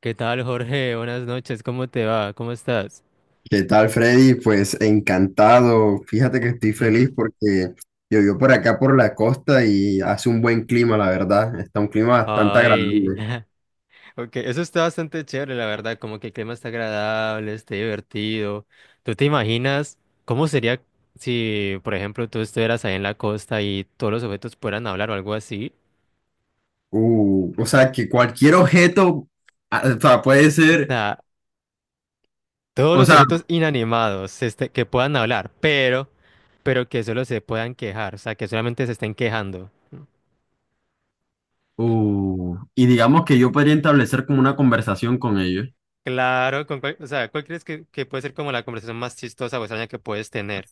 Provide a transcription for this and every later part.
¿Qué tal, Jorge? Buenas noches, ¿cómo te va? ¿Cómo estás? ¿Qué tal, Freddy? Pues encantado. Fíjate que estoy Ujú. feliz porque llovió por acá por la costa y hace un buen clima, la verdad. Está un clima bastante Ay, agradable. ok, eso está bastante chévere, la verdad, como que el clima está agradable, está divertido. ¿Tú te imaginas cómo sería si, por ejemplo, tú estuvieras ahí en la costa y todos los objetos pudieran hablar o algo así? O sea, que cualquier objeto, o sea, puede O ser, sea, todos o los sea, objetos inanimados que puedan hablar, pero que solo se puedan quejar, o sea, que solamente se estén quejando. Y digamos que yo podría establecer como una conversación con ellos. Claro, o sea, ¿cuál crees que puede ser como la conversación más chistosa o extraña que puedes tener?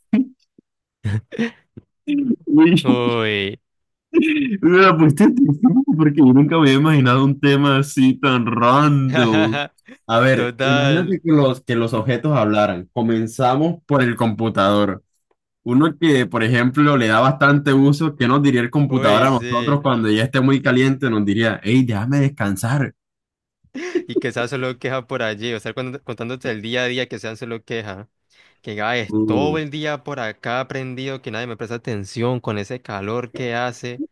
Uy, Me la pusiste difícil porque yo nunca me había imaginado un tema así tan random. A ver, total. imagínate que los objetos hablaran. Comenzamos por el computador. Uno que, por ejemplo, le da bastante uso, ¿qué nos diría el computador Uy, a nosotros sí. cuando ya esté muy caliente? Nos diría, hey, déjame descansar. Y que sea solo queja por allí, o sea, contándote el día a día que sean solo queja. Que ay, es todo Uh. el día por acá prendido, que nadie me presta atención con ese calor que hace.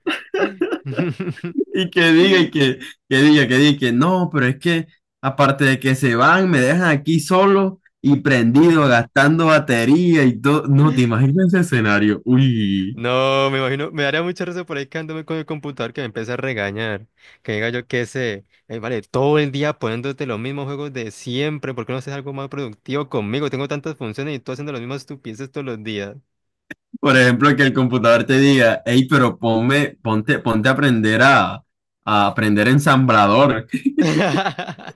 Y que diga y que, que diga, que diga, que no, pero es que aparte de que se van, me dejan aquí solo y prendido, gastando batería y todo. No, te imaginas ese escenario. Uy, No, me imagino, me daría mucha risa por ahí quedándome con el computador que me empieza a regañar. Que diga yo qué sé, vale, todo el día poniéndote los mismos juegos de siempre, ¿por qué no haces algo más productivo conmigo? Tengo tantas funciones y tú haciendo las mismas estupideces todos los días. por ejemplo, que el computador te diga, hey, pero ponte a aprender a aprender ensamblador.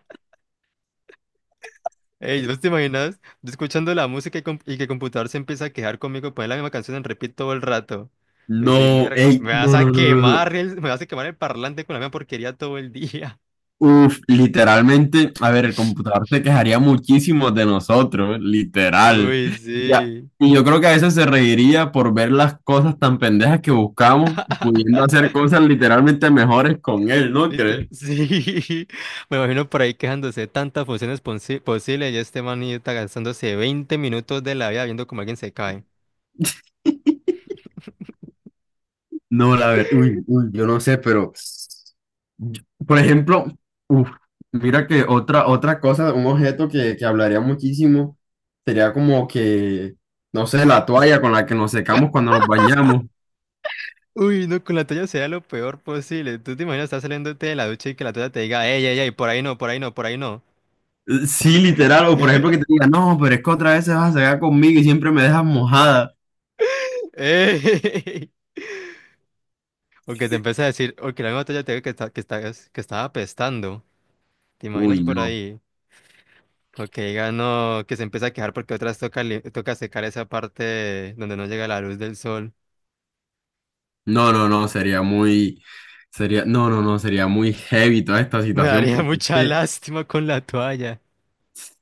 Ey, ¿vos te imaginas? Yo escuchando la música y que el computador se empieza a quejar conmigo, poner la misma canción en repeat todo el rato. Decir, No, "Mierda, hey, me vas no, a no, no, no, no. quemar me vas a quemar el parlante con la misma porquería todo el día. Uf, literalmente, a ver, el computador se quejaría muchísimo de nosotros, literal. Uy, Ya. sí. Y yo creo que a veces se reiría por ver las cosas tan pendejas que buscamos, pudiendo hacer cosas literalmente mejores con él, ¿no crees? Sí, me imagino por ahí quejándose de tantas funciones posibles y este manita gastándose 20 minutos de la vida viendo cómo alguien se cae. No, la verdad, uy, uy, yo no sé, pero, por ejemplo, uf, mira que otra cosa, un objeto que hablaría muchísimo sería como que, no sé, la toalla con la que nos secamos cuando nos bañamos. Uy, no, con la toalla sea lo peor posible. Tú te imaginas, estás saliéndote de la ducha y que la toalla te diga, ey, ey, ey, por ahí no, por ahí no, por ahí no. Sí, literal, o por ejemplo que te diga, no, pero es que otra vez se vas a sacar conmigo y siempre me dejas mojada. Ey. O que te empieza a decir, o que la misma toalla te diga que, está, que, estás- que estaba apestando. ¿Te imaginas Uy, por no, ahí? O que diga, no, que se empieza a quejar porque otras toca secar esa parte donde no llega la luz del sol. no, no, no, sería, no, no, no, sería muy heavy toda esta Me situación, daría mucha que, lástima con la toalla.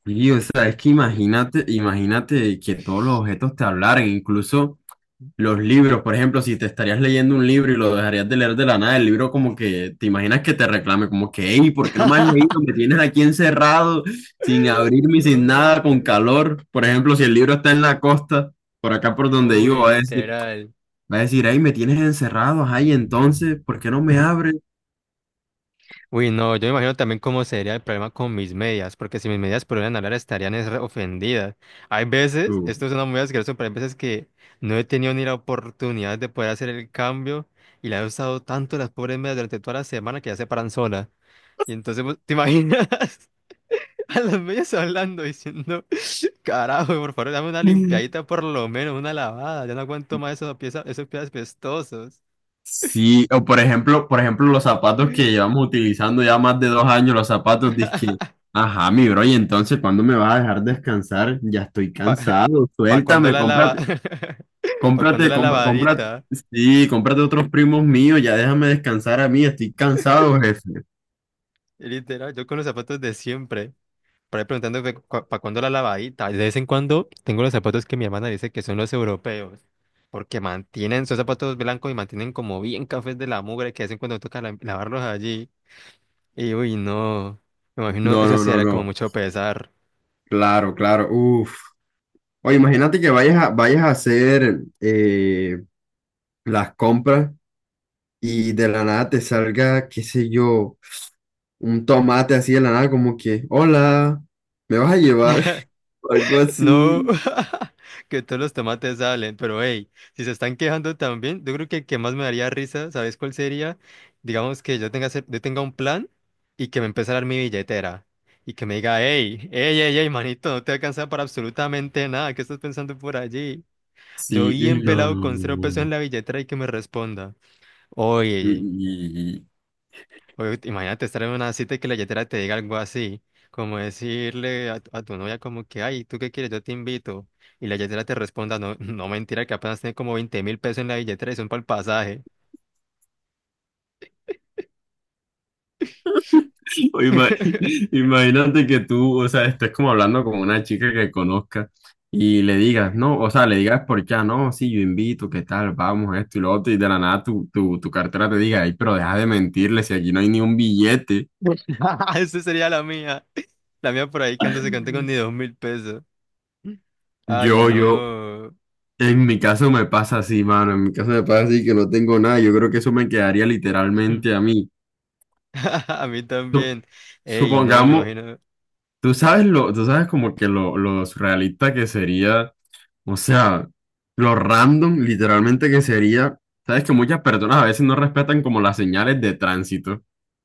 sí, o sea, es que imagínate que todos los objetos te hablaran, incluso. Los libros, por ejemplo, si te estarías leyendo un libro y lo dejarías de leer de la nada, el libro como que te imaginas que te reclame, como que, hey, ¿por qué no me has leído? Me tienes aquí encerrado, sin abrirme, y sin nada, con Uy, calor. Por ejemplo, si el libro está en la costa, por acá por donde vivo, uy, literal. va a decir, hey, me tienes encerrado, ay, entonces, ¿por qué no me abres? Uy, no, yo me imagino también cómo sería el problema con mis medias, porque si mis medias pudieran hablar estarían es re ofendidas. Hay veces, Uh. esto suena muy asqueroso, pero hay veces que no he tenido ni la oportunidad de poder hacer el cambio y la he usado tanto las pobres medias durante toda la semana que ya se paran sola. Y entonces, pues, ¿te imaginas? A los medios hablando, diciendo, carajo, por favor, dame una limpiadita por lo menos, una lavada. Ya no aguanto más esos pies pestosos. Sí, por ejemplo, los zapatos que llevamos utilizando ya más de dos años, los zapatos, dizque, ajá, mi bro, y entonces, ¿cuándo me vas a dejar descansar? Ya estoy Pa, cansado, pa cuando suéltame, la lava, pa cuando la cómprate, lavadita. sí, cómprate otros primos míos, ya déjame descansar a mí, estoy cansado, jefe. Y literal, yo con los zapatos de siempre. Por ahí preguntando pa cuando la lavadita. De vez en cuando tengo los zapatos que mi hermana dice que son los europeos. Porque mantienen, son zapatos blancos y mantienen como bien cafés de la mugre que hacen cuando lavarlos allí. Y uy, no. Me imagino, No, eso no, sí no, era como no, mucho pesar. claro, claro. Uf. Oye, imagínate que vayas a hacer las compras y de la nada te salga, qué sé yo, un tomate así de la nada, como que, hola, ¿me vas a llevar? O algo así. No, que todos los tomates salen, pero hey, si se están quejando también, yo creo que el que más me daría risa, ¿sabes cuál sería? Digamos que yo yo tenga un plan y que me empiece a dar mi billetera y que me diga, hey, hey, hey, hey, manito, no te alcanza para absolutamente nada, ¿qué estás pensando por allí? Yo Sí, uy, bien no, no, pelado no, con cero no, pesos en no. la billetera y que me responda, oye, Y- oye, imagínate estar en una cita y que la yetera te diga algo así, como decirle tu a tu novia como que, ay, ¿tú qué quieres? Yo te invito. Y la yetera te responda, no, no mentira, que apenas tiene como 20.000 pesos en la billetera y son para el pasaje. y- o ima- Imagínate que tú, o sea, estés como hablando con una chica que conozcas y le digas, no, o sea, le digas por qué, ah, no, sí, yo invito, qué tal, vamos, esto y lo otro, y de la nada tu cartera te diga, ay, pero deja de mentirle si aquí no hay ni un billete. Esa sería la mía. La mía por ahí cantándose cante con ni 2.000 pesos. Ay, Yo, yo, no. En mi caso me pasa así, mano. En mi caso me pasa así que no tengo nada. Yo creo que eso me quedaría literalmente a mí. A mí Sup- también. Ey, no, me Supongamos, imagino. Tú sabes como que lo surrealista que sería, o sea, lo random literalmente que sería. Sabes que muchas personas a veces no respetan como las señales de tránsito.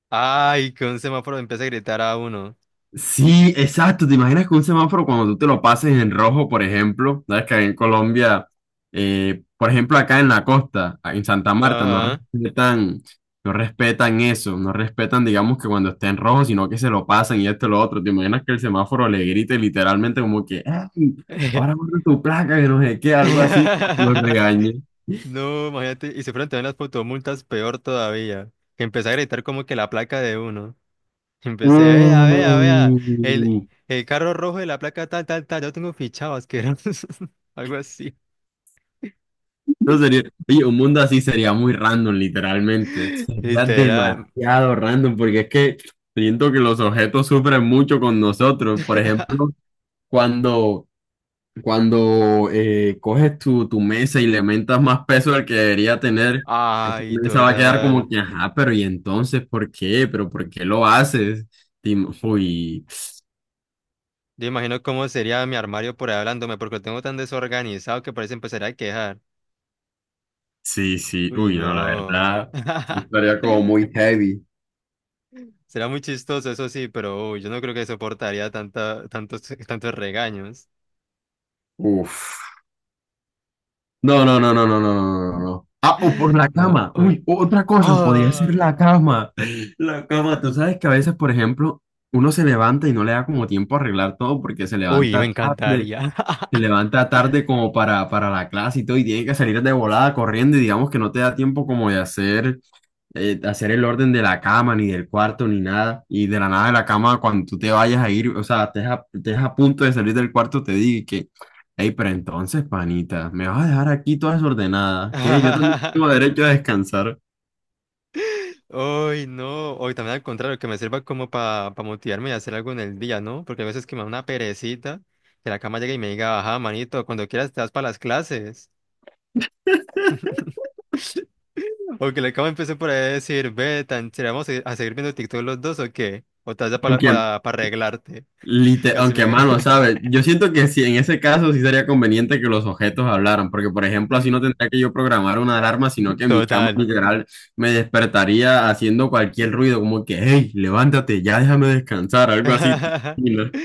Ay, que un semáforo empieza a gritar a uno. Sí, exacto. ¿Te imaginas que un semáforo cuando tú te lo pases en rojo, por ejemplo, sabes que ahí en Colombia, por ejemplo, acá en la costa, en Santa Marta, no Ajá. respetan, no respetan eso, no respetan, digamos, que cuando esté en rojo, sino que se lo pasan y esto y lo otro. ¿Te imaginas que el semáforo le grite literalmente como que, ¡ey! Ahora guarda tu placa, que no sé qué, algo así, como que lo regañe. No, imagínate, y se fueron también las fotomultas peor todavía, que empecé a gritar como que la placa de uno. Empecé, vea, vea, vea, el, Uh. el carro rojo de la placa tal, tal, tal, yo tengo fichado, asqueroso, algo así, No sería, oye, un mundo así sería muy random, literalmente. Sería literal. demasiado random, porque es que siento que los objetos sufren mucho con nosotros. Por ejemplo, cuando, cuando coges tu mesa y le aumentas más peso del que debería tener, esa Ay, mesa va a quedar como total. que, ajá, pero ¿y entonces por qué? ¿Pero por qué lo haces? Uy, Yo imagino cómo sería mi armario por ahí hablándome, porque lo tengo tan desorganizado que parece empezar a quejar. sí, sí, Uy, uy, no, la no. verdad, sí, estaría como muy heavy. Será muy chistoso, eso sí, pero uy, yo no creo que soportaría tanta, tantos, tantos regaños. Uf. No, no, no, no, no, no, no, no, no. Ah, o por la No, cama. uy. Uy, otra cosa, podría ser ¡Ay! la cama. La cama, tú sabes que a veces, por ejemplo, uno se levanta y no le da como tiempo a arreglar todo porque Uy, me encantaría. se levanta tarde como para la clase y todo y tiene que salir de volada corriendo y digamos que no te da tiempo como de hacer el orden de la cama, ni del cuarto, ni nada. Y de la nada de la cama, cuando tú te vayas a ir, o sea, estés a punto de salir del cuarto, te digo que, hey, pero entonces, panita, me vas a dejar aquí toda desordenada, que yo también tengo derecho a descansar. Uy, no. Hoy también al contrario, que me sirva como para motivarme y hacer algo en el día, ¿no? Porque a veces que me da una perecita, que la cama llegue y me diga, ajá, manito, cuando quieras te das para las clases. O que la cama empiece por ahí a decir, ve, tan chévere, vamos a seguir viendo TikTok los dos o qué. O te das Aunque para arreglarte. Casi Aunque, me. mano, ¿sabes? Yo siento que si en ese caso sí sería conveniente que los objetos hablaran, porque por ejemplo así no tendría que yo programar una alarma, sino que mi cama Total. literal me despertaría haciendo cualquier ruido, como que, hey, levántate, ya déjame descansar, algo así.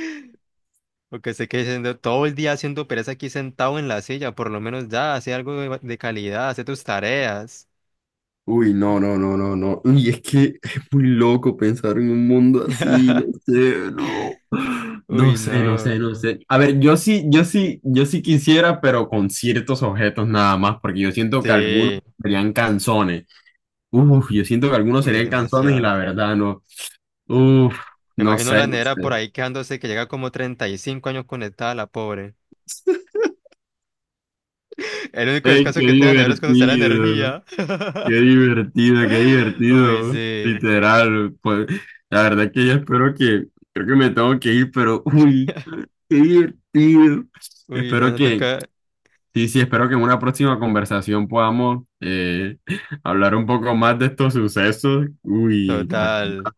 Porque se quede siendo todo el día haciendo pereza aquí sentado en la silla, por lo menos ya, hace algo de calidad, hace tus tareas. Uy, no, no, no, no, no. Y es que es muy loco pensar en un mundo así, no sé, no. No Uy, sé, no sé, no. no sé. A ver, yo sí quisiera, pero con ciertos objetos nada más, porque yo siento que algunos Sí, serían canzones. Uf, yo siento que algunos uy, serían canzones y demasiado. la verdad no. Uf, Me no imagino sé, la no nevera por sé. ahí quejándose que llega como 35 años conectada, la pobre. El único Ey, descanso qué que tiene la nevera es cuando se da la divertido, energía. qué divertido, qué Uy, divertido. sí. Literal, pues, la verdad es que yo espero que, creo que me tengo que ir, pero uy. Qué divertido. Uy, Espero bueno, que, toca. sí, sí, espero que en una próxima conversación podamos hablar un poco más de estos sucesos. Uy, la verdad. Total.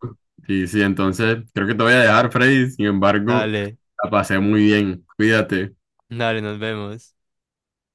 Sí, sí, entonces creo que te voy a dejar, Freddy. Sin embargo, Dale, la pasé muy bien. Cuídate. dale, nos vemos.